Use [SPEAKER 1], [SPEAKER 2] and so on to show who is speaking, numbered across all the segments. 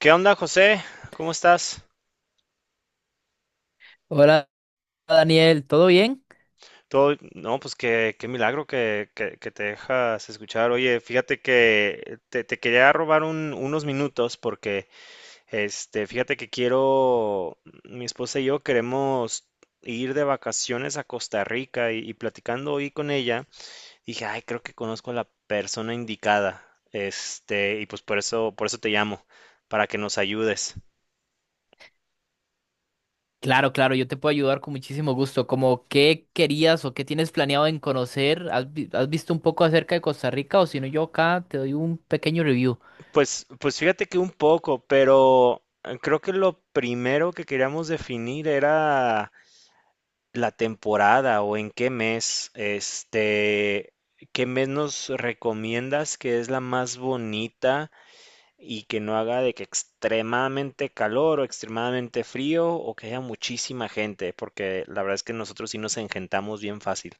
[SPEAKER 1] ¿Qué onda, José? ¿Cómo estás?
[SPEAKER 2] Hola Daniel, ¿todo bien?
[SPEAKER 1] Todo, no, pues qué milagro que te dejas escuchar. Oye, fíjate que te quería robar unos minutos porque, fíjate que quiero, mi esposa y yo queremos ir de vacaciones a Costa Rica y platicando hoy con ella, dije, ay, creo que conozco a la persona indicada. Y pues por eso te llamo, para que nos ayudes.
[SPEAKER 2] Claro, claro, yo te puedo ayudar con muchísimo gusto. ¿Como qué querías o qué tienes planeado en conocer? ¿Has visto un poco acerca de Costa Rica? O si no, yo acá te doy un pequeño review.
[SPEAKER 1] Pues fíjate que un poco, pero creo que lo primero que queríamos definir era la temporada o en qué mes, qué mes nos recomiendas que es la más bonita y que no haga de que extremadamente calor o extremadamente frío o que haya muchísima gente, porque la verdad es que nosotros sí nos engentamos bien fácil.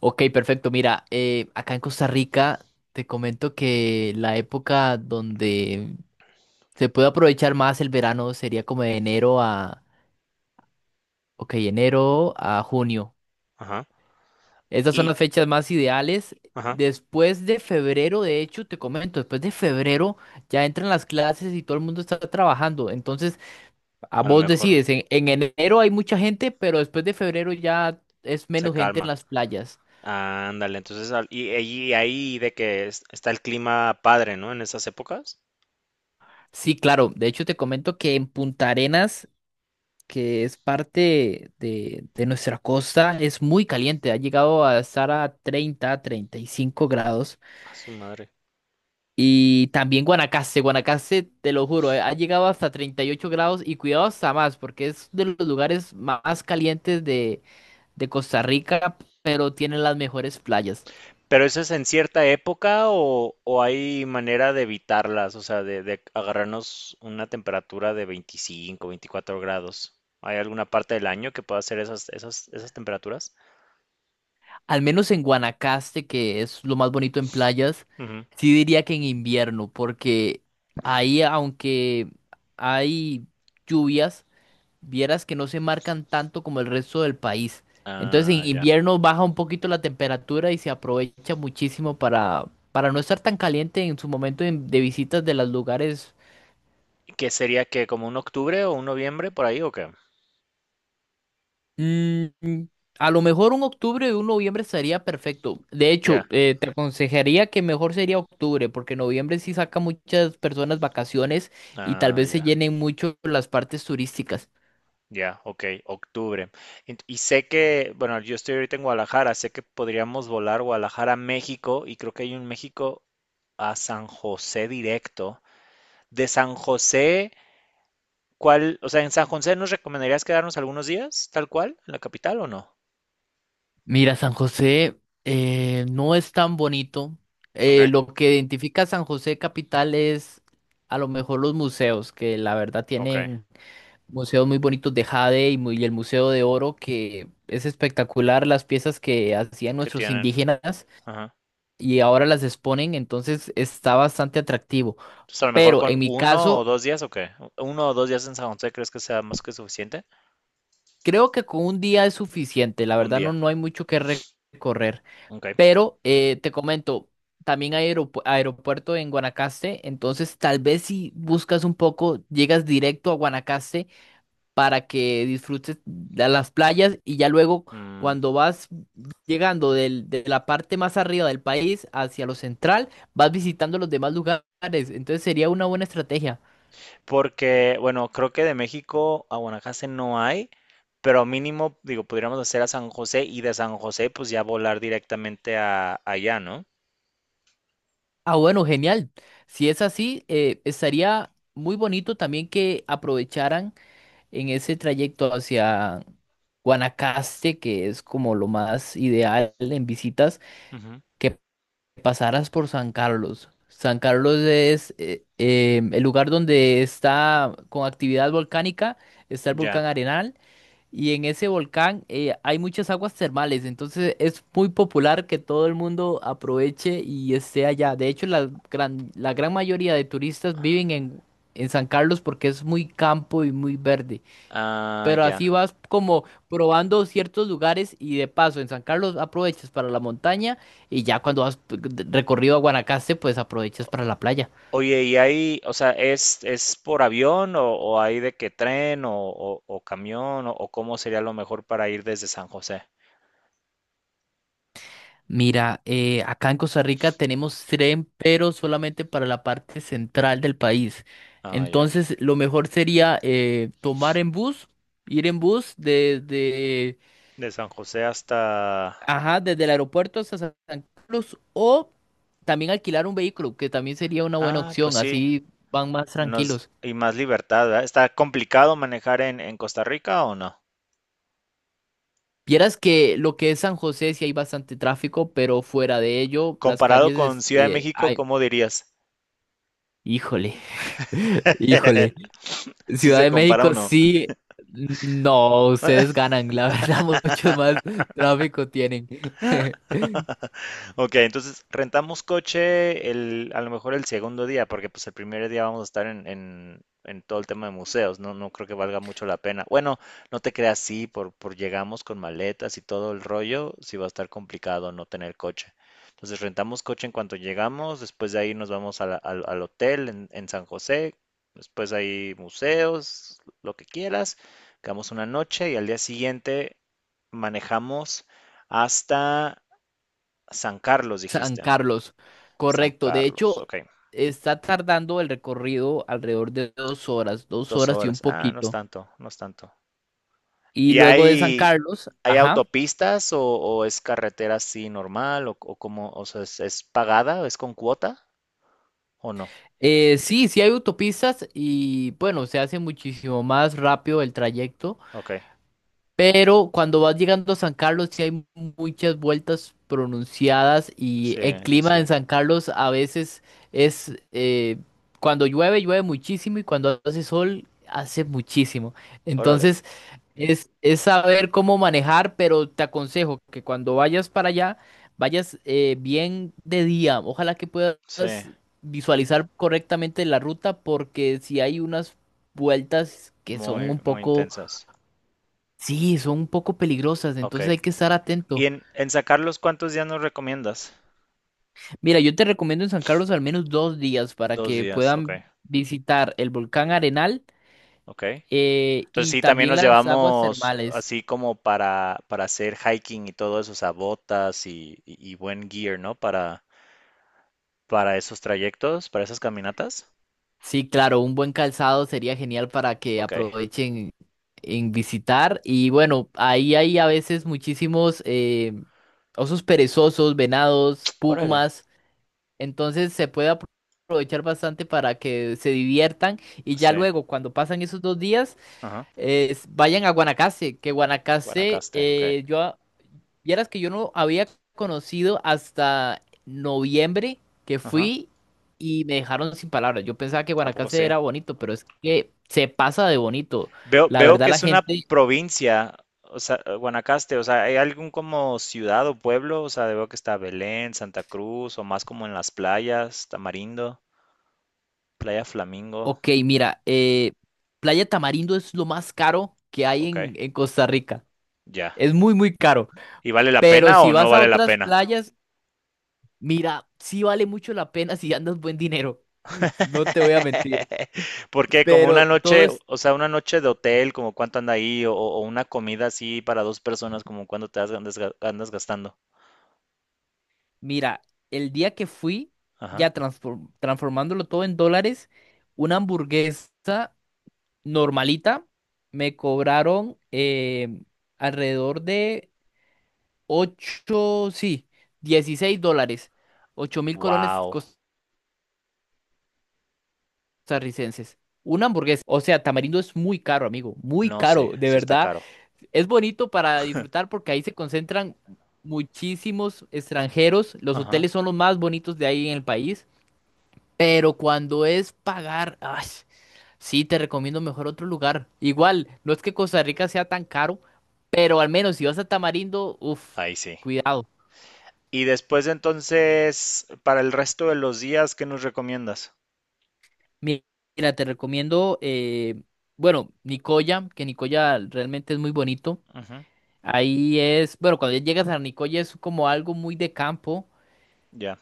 [SPEAKER 2] Ok, perfecto. Mira, acá en Costa Rica te comento que la época donde se puede aprovechar más el verano sería como de enero a junio.
[SPEAKER 1] Ajá.
[SPEAKER 2] Estas son
[SPEAKER 1] Y,
[SPEAKER 2] las fechas más ideales.
[SPEAKER 1] ajá,
[SPEAKER 2] Después de febrero, de hecho, te comento, después de febrero ya entran las clases y todo el mundo está trabajando. Entonces, a
[SPEAKER 1] a lo
[SPEAKER 2] vos
[SPEAKER 1] mejor
[SPEAKER 2] decides, en enero hay mucha gente, pero después de febrero ya es
[SPEAKER 1] se
[SPEAKER 2] menos gente en
[SPEAKER 1] calma.
[SPEAKER 2] las playas.
[SPEAKER 1] Ándale, entonces, y ahí de que está el clima padre, ¿no? En esas épocas.
[SPEAKER 2] Sí, claro. De hecho, te comento que en Punta Arenas, que es parte de nuestra costa, es muy caliente. Ha llegado a estar a 30, 35 grados.
[SPEAKER 1] A su madre.
[SPEAKER 2] Y también Guanacaste, Guanacaste, te lo juro, ha llegado hasta 38 grados y cuidado hasta más, porque es de los lugares más calientes de Costa Rica, pero tiene las mejores playas.
[SPEAKER 1] ¿Pero eso es en cierta época o hay manera de evitarlas? O sea, de agarrarnos una temperatura de 25 24 grados. ¿Hay alguna parte del año que pueda hacer esas temperaturas?
[SPEAKER 2] Al menos en Guanacaste, que es lo más bonito en playas,
[SPEAKER 1] Ujú.
[SPEAKER 2] sí diría que en invierno, porque ahí aunque hay lluvias, vieras que no se marcan tanto como el resto del país. Entonces
[SPEAKER 1] Ah,
[SPEAKER 2] en
[SPEAKER 1] ya.
[SPEAKER 2] invierno baja un poquito la temperatura y se aprovecha muchísimo para no estar tan caliente en su momento de visitas de los lugares.
[SPEAKER 1] ¿Qué sería que como un octubre o un noviembre por ahí o qué?
[SPEAKER 2] Mm, mm, a lo mejor un octubre o un noviembre estaría perfecto. De
[SPEAKER 1] Ya.
[SPEAKER 2] hecho, te aconsejaría que mejor sería octubre, porque noviembre sí saca muchas personas vacaciones y tal
[SPEAKER 1] Ah,
[SPEAKER 2] vez se
[SPEAKER 1] ya.
[SPEAKER 2] llenen mucho las partes turísticas.
[SPEAKER 1] Ya, ok, octubre. Y sé que, bueno, yo estoy ahorita en Guadalajara, sé que podríamos volar Guadalajara a México y creo que hay un México a San José directo. De San José, ¿cuál? O sea, ¿en San José nos recomendarías quedarnos algunos días, tal cual, en la capital o no?
[SPEAKER 2] Mira, San José no es tan bonito.
[SPEAKER 1] Ok,
[SPEAKER 2] Lo que identifica a San José capital es a lo mejor los museos, que la verdad
[SPEAKER 1] ok,
[SPEAKER 2] tienen museos muy bonitos de jade y, y el Museo de Oro, que es espectacular las piezas que hacían
[SPEAKER 1] ¿qué
[SPEAKER 2] nuestros
[SPEAKER 1] tienen?
[SPEAKER 2] indígenas
[SPEAKER 1] Ajá.
[SPEAKER 2] y ahora las exponen, entonces está bastante atractivo.
[SPEAKER 1] Entonces, a lo mejor
[SPEAKER 2] Pero en
[SPEAKER 1] con
[SPEAKER 2] mi
[SPEAKER 1] uno o
[SPEAKER 2] caso,
[SPEAKER 1] dos días, ¿o qué? ¿1 o 2 días en San José crees que sea más que suficiente?
[SPEAKER 2] creo que con un día es suficiente. La
[SPEAKER 1] Un
[SPEAKER 2] verdad no,
[SPEAKER 1] día,
[SPEAKER 2] no hay mucho que recorrer.
[SPEAKER 1] ok.
[SPEAKER 2] Pero te comento, también hay aeropuerto en Guanacaste, entonces tal vez si buscas un poco, llegas directo a Guanacaste para que disfrutes de las playas y ya luego cuando vas llegando de la parte más arriba del país hacia lo central, vas visitando los demás lugares, entonces sería una buena estrategia.
[SPEAKER 1] Porque, bueno, creo que de México a Guanacaste no hay, pero mínimo, digo, podríamos hacer a San José y de San José, pues ya volar directamente a allá, ¿no?
[SPEAKER 2] Ah, bueno, genial. Si es así, estaría muy bonito también que aprovecharan en ese trayecto hacia Guanacaste, que es como lo más ideal en visitas,
[SPEAKER 1] Ujú,
[SPEAKER 2] que pasaras por San Carlos. San Carlos es el lugar donde está con actividad volcánica, está el volcán
[SPEAKER 1] ya.
[SPEAKER 2] Arenal, y en ese volcán hay muchas aguas termales, entonces es muy popular que todo el mundo aproveche y esté allá. De hecho, la gran mayoría de turistas viven en San Carlos porque es muy campo y muy verde.
[SPEAKER 1] Ah,
[SPEAKER 2] Pero así
[SPEAKER 1] ya.
[SPEAKER 2] vas como probando ciertos lugares y de paso en San Carlos aprovechas para la montaña y ya cuando vas recorrido a Guanacaste pues aprovechas para la playa.
[SPEAKER 1] Oye, ¿y hay, o sea, es por avión o hay de qué tren o, o camión o cómo sería lo mejor para ir desde San José?
[SPEAKER 2] Mira, acá en Costa Rica tenemos tren pero solamente para la parte central del país.
[SPEAKER 1] Ah, ya.
[SPEAKER 2] Entonces lo mejor sería tomar en bus, ir en bus
[SPEAKER 1] De San José hasta...
[SPEAKER 2] ajá, desde el aeropuerto hasta San Carlos o también alquilar un vehículo que también sería una buena
[SPEAKER 1] Ah, pues
[SPEAKER 2] opción,
[SPEAKER 1] sí.
[SPEAKER 2] así van más
[SPEAKER 1] Nos...
[SPEAKER 2] tranquilos.
[SPEAKER 1] Y más libertad, ¿verdad? ¿Está complicado manejar en Costa Rica o no?
[SPEAKER 2] Vieras que lo que es San José sí hay bastante tráfico, pero fuera de ello, las
[SPEAKER 1] Comparado
[SPEAKER 2] calles,
[SPEAKER 1] con Ciudad de México,
[SPEAKER 2] ay,
[SPEAKER 1] ¿cómo dirías?
[SPEAKER 2] híjole, híjole.
[SPEAKER 1] Si
[SPEAKER 2] Ciudad
[SPEAKER 1] se
[SPEAKER 2] de
[SPEAKER 1] compara o
[SPEAKER 2] México
[SPEAKER 1] no.
[SPEAKER 2] sí, no, ustedes ganan, la verdad, mucho más tráfico tienen.
[SPEAKER 1] Ok, entonces rentamos coche el, a lo mejor el segundo día, porque pues el primer día vamos a estar en, en todo el tema de museos, no, no creo que valga mucho la pena. Bueno, no te creas, sí, por llegamos con maletas y todo el rollo, sí va a estar complicado no tener coche. Entonces rentamos coche en cuanto llegamos, después de ahí nos vamos a al hotel en San José, después hay museos, lo que quieras, quedamos una noche y al día siguiente manejamos hasta San Carlos,
[SPEAKER 2] San
[SPEAKER 1] dijiste.
[SPEAKER 2] Carlos,
[SPEAKER 1] San
[SPEAKER 2] correcto. De
[SPEAKER 1] Carlos,
[SPEAKER 2] hecho,
[SPEAKER 1] ok.
[SPEAKER 2] está tardando el recorrido alrededor de 2 horas, dos
[SPEAKER 1] Dos
[SPEAKER 2] horas y un
[SPEAKER 1] horas. Ah, no es
[SPEAKER 2] poquito.
[SPEAKER 1] tanto, no es tanto.
[SPEAKER 2] Y
[SPEAKER 1] ¿Y
[SPEAKER 2] luego de San
[SPEAKER 1] hay,
[SPEAKER 2] Carlos,
[SPEAKER 1] hay
[SPEAKER 2] ajá.
[SPEAKER 1] autopistas o es carretera así normal o cómo, o sea, es pagada, es con cuota o no?
[SPEAKER 2] Sí, sí hay autopistas y bueno, se hace muchísimo más rápido el trayecto,
[SPEAKER 1] Ok,
[SPEAKER 2] pero cuando vas llegando a San Carlos sí hay muchas vueltas pronunciadas y
[SPEAKER 1] sí,
[SPEAKER 2] el
[SPEAKER 1] sí,
[SPEAKER 2] clima en
[SPEAKER 1] sí.
[SPEAKER 2] San Carlos a veces es, eh, cuando llueve, llueve muchísimo y cuando hace sol, hace muchísimo.
[SPEAKER 1] Órale,
[SPEAKER 2] Entonces, es saber cómo manejar, pero te aconsejo que cuando vayas para allá, vayas bien de día. Ojalá que puedas
[SPEAKER 1] sí,
[SPEAKER 2] visualizar correctamente la ruta, porque si hay unas vueltas que son
[SPEAKER 1] muy,
[SPEAKER 2] un
[SPEAKER 1] muy
[SPEAKER 2] poco,
[SPEAKER 1] intensas.
[SPEAKER 2] sí, son un poco peligrosas,
[SPEAKER 1] Ok.
[SPEAKER 2] entonces hay que estar
[SPEAKER 1] ¿Y
[SPEAKER 2] atento.
[SPEAKER 1] en San Carlos cuántos días nos recomiendas?
[SPEAKER 2] Mira, yo te recomiendo en San Carlos al menos 2 días para
[SPEAKER 1] Dos
[SPEAKER 2] que
[SPEAKER 1] días, ok,
[SPEAKER 2] puedan visitar el volcán Arenal
[SPEAKER 1] ok. Entonces
[SPEAKER 2] y
[SPEAKER 1] sí, también
[SPEAKER 2] también
[SPEAKER 1] nos
[SPEAKER 2] las aguas
[SPEAKER 1] llevamos
[SPEAKER 2] termales.
[SPEAKER 1] así como para hacer hiking y todo eso, o sea, botas y, y buen gear, ¿no? Para esos trayectos, para esas caminatas.
[SPEAKER 2] Sí, claro, un buen calzado sería genial para que
[SPEAKER 1] Ok,
[SPEAKER 2] aprovechen en visitar. Y bueno, ahí hay a veces muchísimos osos perezosos, venados,
[SPEAKER 1] órale,
[SPEAKER 2] pumas. Entonces se puede aprovechar bastante para que se diviertan y ya
[SPEAKER 1] sí,
[SPEAKER 2] luego, cuando pasan esos 2 días,
[SPEAKER 1] ajá,
[SPEAKER 2] vayan a Guanacaste, que Guanacaste,
[SPEAKER 1] Guanacaste, ok,
[SPEAKER 2] yo vieras que yo no había conocido hasta noviembre que
[SPEAKER 1] ajá,
[SPEAKER 2] fui y me dejaron sin palabras. Yo pensaba que
[SPEAKER 1] ¿a poco
[SPEAKER 2] Guanacaste
[SPEAKER 1] sí?
[SPEAKER 2] era bonito, pero es que se pasa de bonito.
[SPEAKER 1] Veo,
[SPEAKER 2] La
[SPEAKER 1] veo
[SPEAKER 2] verdad,
[SPEAKER 1] que
[SPEAKER 2] la
[SPEAKER 1] es una
[SPEAKER 2] gente,
[SPEAKER 1] provincia, o sea, Guanacaste, o sea, ¿hay algún como ciudad o pueblo? O sea, veo que está Belén, Santa Cruz, o más como en las playas, Tamarindo, Playa Flamingo,
[SPEAKER 2] ok, mira, Playa Tamarindo es lo más caro que hay
[SPEAKER 1] ok,
[SPEAKER 2] en Costa Rica.
[SPEAKER 1] ya.
[SPEAKER 2] Es muy, muy caro.
[SPEAKER 1] ¿Y vale la
[SPEAKER 2] Pero
[SPEAKER 1] pena
[SPEAKER 2] si
[SPEAKER 1] o no
[SPEAKER 2] vas a
[SPEAKER 1] vale la
[SPEAKER 2] otras
[SPEAKER 1] pena?
[SPEAKER 2] playas, mira, sí vale mucho la pena si andas buen dinero. No te voy a mentir.
[SPEAKER 1] Porque como una
[SPEAKER 2] Pero todo
[SPEAKER 1] noche,
[SPEAKER 2] es
[SPEAKER 1] o sea, una noche de hotel, como cuánto anda ahí, o una comida así para 2 personas, como cuánto andas, andas gastando.
[SPEAKER 2] Mira, el día que fui,
[SPEAKER 1] Ajá.
[SPEAKER 2] ya transformándolo todo en dólares, una hamburguesa normalita me cobraron alrededor de 8, sí, $16, 8.000 colones
[SPEAKER 1] Wow.
[SPEAKER 2] costarricenses. Una hamburguesa. O sea, Tamarindo es muy caro, amigo, muy
[SPEAKER 1] No sé,
[SPEAKER 2] caro, de
[SPEAKER 1] sí está
[SPEAKER 2] verdad.
[SPEAKER 1] caro.
[SPEAKER 2] Es bonito para disfrutar porque ahí se concentran muchísimos extranjeros. Los
[SPEAKER 1] Ajá.
[SPEAKER 2] hoteles son los más bonitos de ahí en el país. Pero cuando es pagar, ay, sí, te recomiendo mejor otro lugar. Igual, no es que Costa Rica sea tan caro, pero al menos si vas a Tamarindo, uff,
[SPEAKER 1] Ahí sí.
[SPEAKER 2] cuidado.
[SPEAKER 1] Y después entonces, para el resto de los días, ¿qué nos recomiendas?
[SPEAKER 2] Mi- Mira, te recomiendo, bueno, Nicoya, que Nicoya realmente es muy bonito.
[SPEAKER 1] Ujú,
[SPEAKER 2] Ahí es, bueno, cuando ya llegas a Nicoya es como algo muy de campo,
[SPEAKER 1] ya,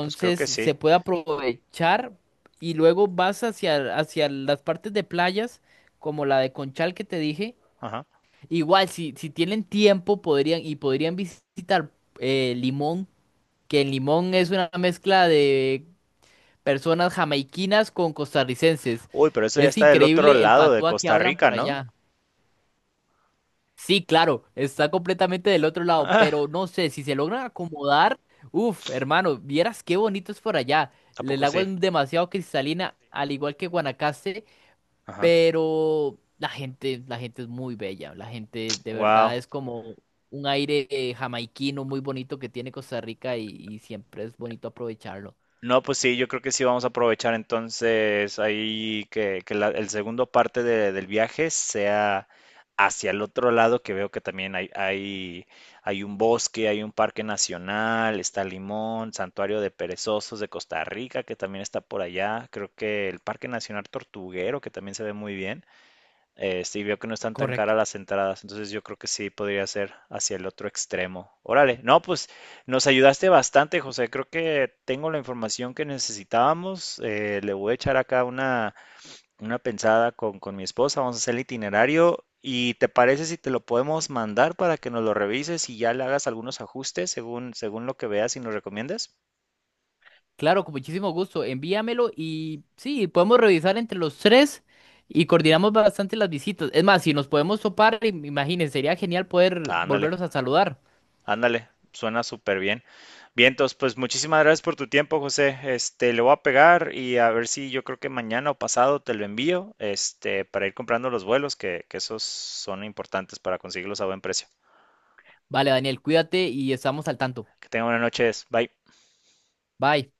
[SPEAKER 1] pues creo que sí.
[SPEAKER 2] se puede aprovechar y luego vas hacia las partes de playas, como la de Conchal que te dije.
[SPEAKER 1] Ajá.
[SPEAKER 2] Igual, si tienen tiempo, podrían, y podrían visitar Limón, que en Limón es una mezcla de personas jamaiquinas con costarricenses.
[SPEAKER 1] Uy, pero eso ya
[SPEAKER 2] Es
[SPEAKER 1] está del otro
[SPEAKER 2] increíble el
[SPEAKER 1] lado de
[SPEAKER 2] patuá que
[SPEAKER 1] Costa
[SPEAKER 2] hablan
[SPEAKER 1] Rica,
[SPEAKER 2] por
[SPEAKER 1] ¿no?
[SPEAKER 2] allá. Sí, claro, está completamente del otro lado,
[SPEAKER 1] Ah,
[SPEAKER 2] pero no sé, si se logran acomodar, uff, hermano, vieras qué bonito es por allá.
[SPEAKER 1] ¿a
[SPEAKER 2] El
[SPEAKER 1] poco
[SPEAKER 2] agua
[SPEAKER 1] sí?
[SPEAKER 2] es demasiado cristalina, al igual que Guanacaste.
[SPEAKER 1] Ajá.
[SPEAKER 2] Pero la gente es muy bella, la gente de verdad
[SPEAKER 1] Wow.
[SPEAKER 2] es como un aire jamaiquino muy bonito que tiene Costa Rica y siempre es bonito aprovecharlo.
[SPEAKER 1] No, pues sí, yo creo que sí vamos a aprovechar entonces ahí que la, el segundo parte del viaje sea hacia el otro lado, que veo que también hay un bosque, hay un parque nacional, está Limón, Santuario de Perezosos de Costa Rica, que también está por allá. Creo que el Parque Nacional Tortuguero, que también se ve muy bien. Sí, veo que no están tan
[SPEAKER 2] Correcto.
[SPEAKER 1] caras las entradas, entonces yo creo que sí podría ser hacia el otro extremo. Órale, no, pues nos ayudaste bastante, José. Creo que tengo la información que necesitábamos. Le voy a echar acá una pensada con mi esposa. Vamos a hacer el itinerario. ¿Y te parece si te lo podemos mandar para que nos lo revises y ya le hagas algunos ajustes según, según lo que veas y nos recomiendes?
[SPEAKER 2] Claro, con muchísimo gusto, envíamelo y sí, podemos revisar entre los tres y coordinamos bastante las visitas. Es más, si nos podemos topar, imagínense, sería genial poder
[SPEAKER 1] Ándale.
[SPEAKER 2] volvernos a saludar.
[SPEAKER 1] Ándale, suena súper bien. Bien, entonces, pues muchísimas gracias por tu tiempo, José. Este, le voy a pegar y a ver si yo creo que mañana o pasado te lo envío, este, para ir comprando los vuelos, que esos son importantes para conseguirlos a buen precio.
[SPEAKER 2] Vale, Daniel, cuídate y estamos al tanto.
[SPEAKER 1] Que tengan buenas noches. Bye.
[SPEAKER 2] Bye.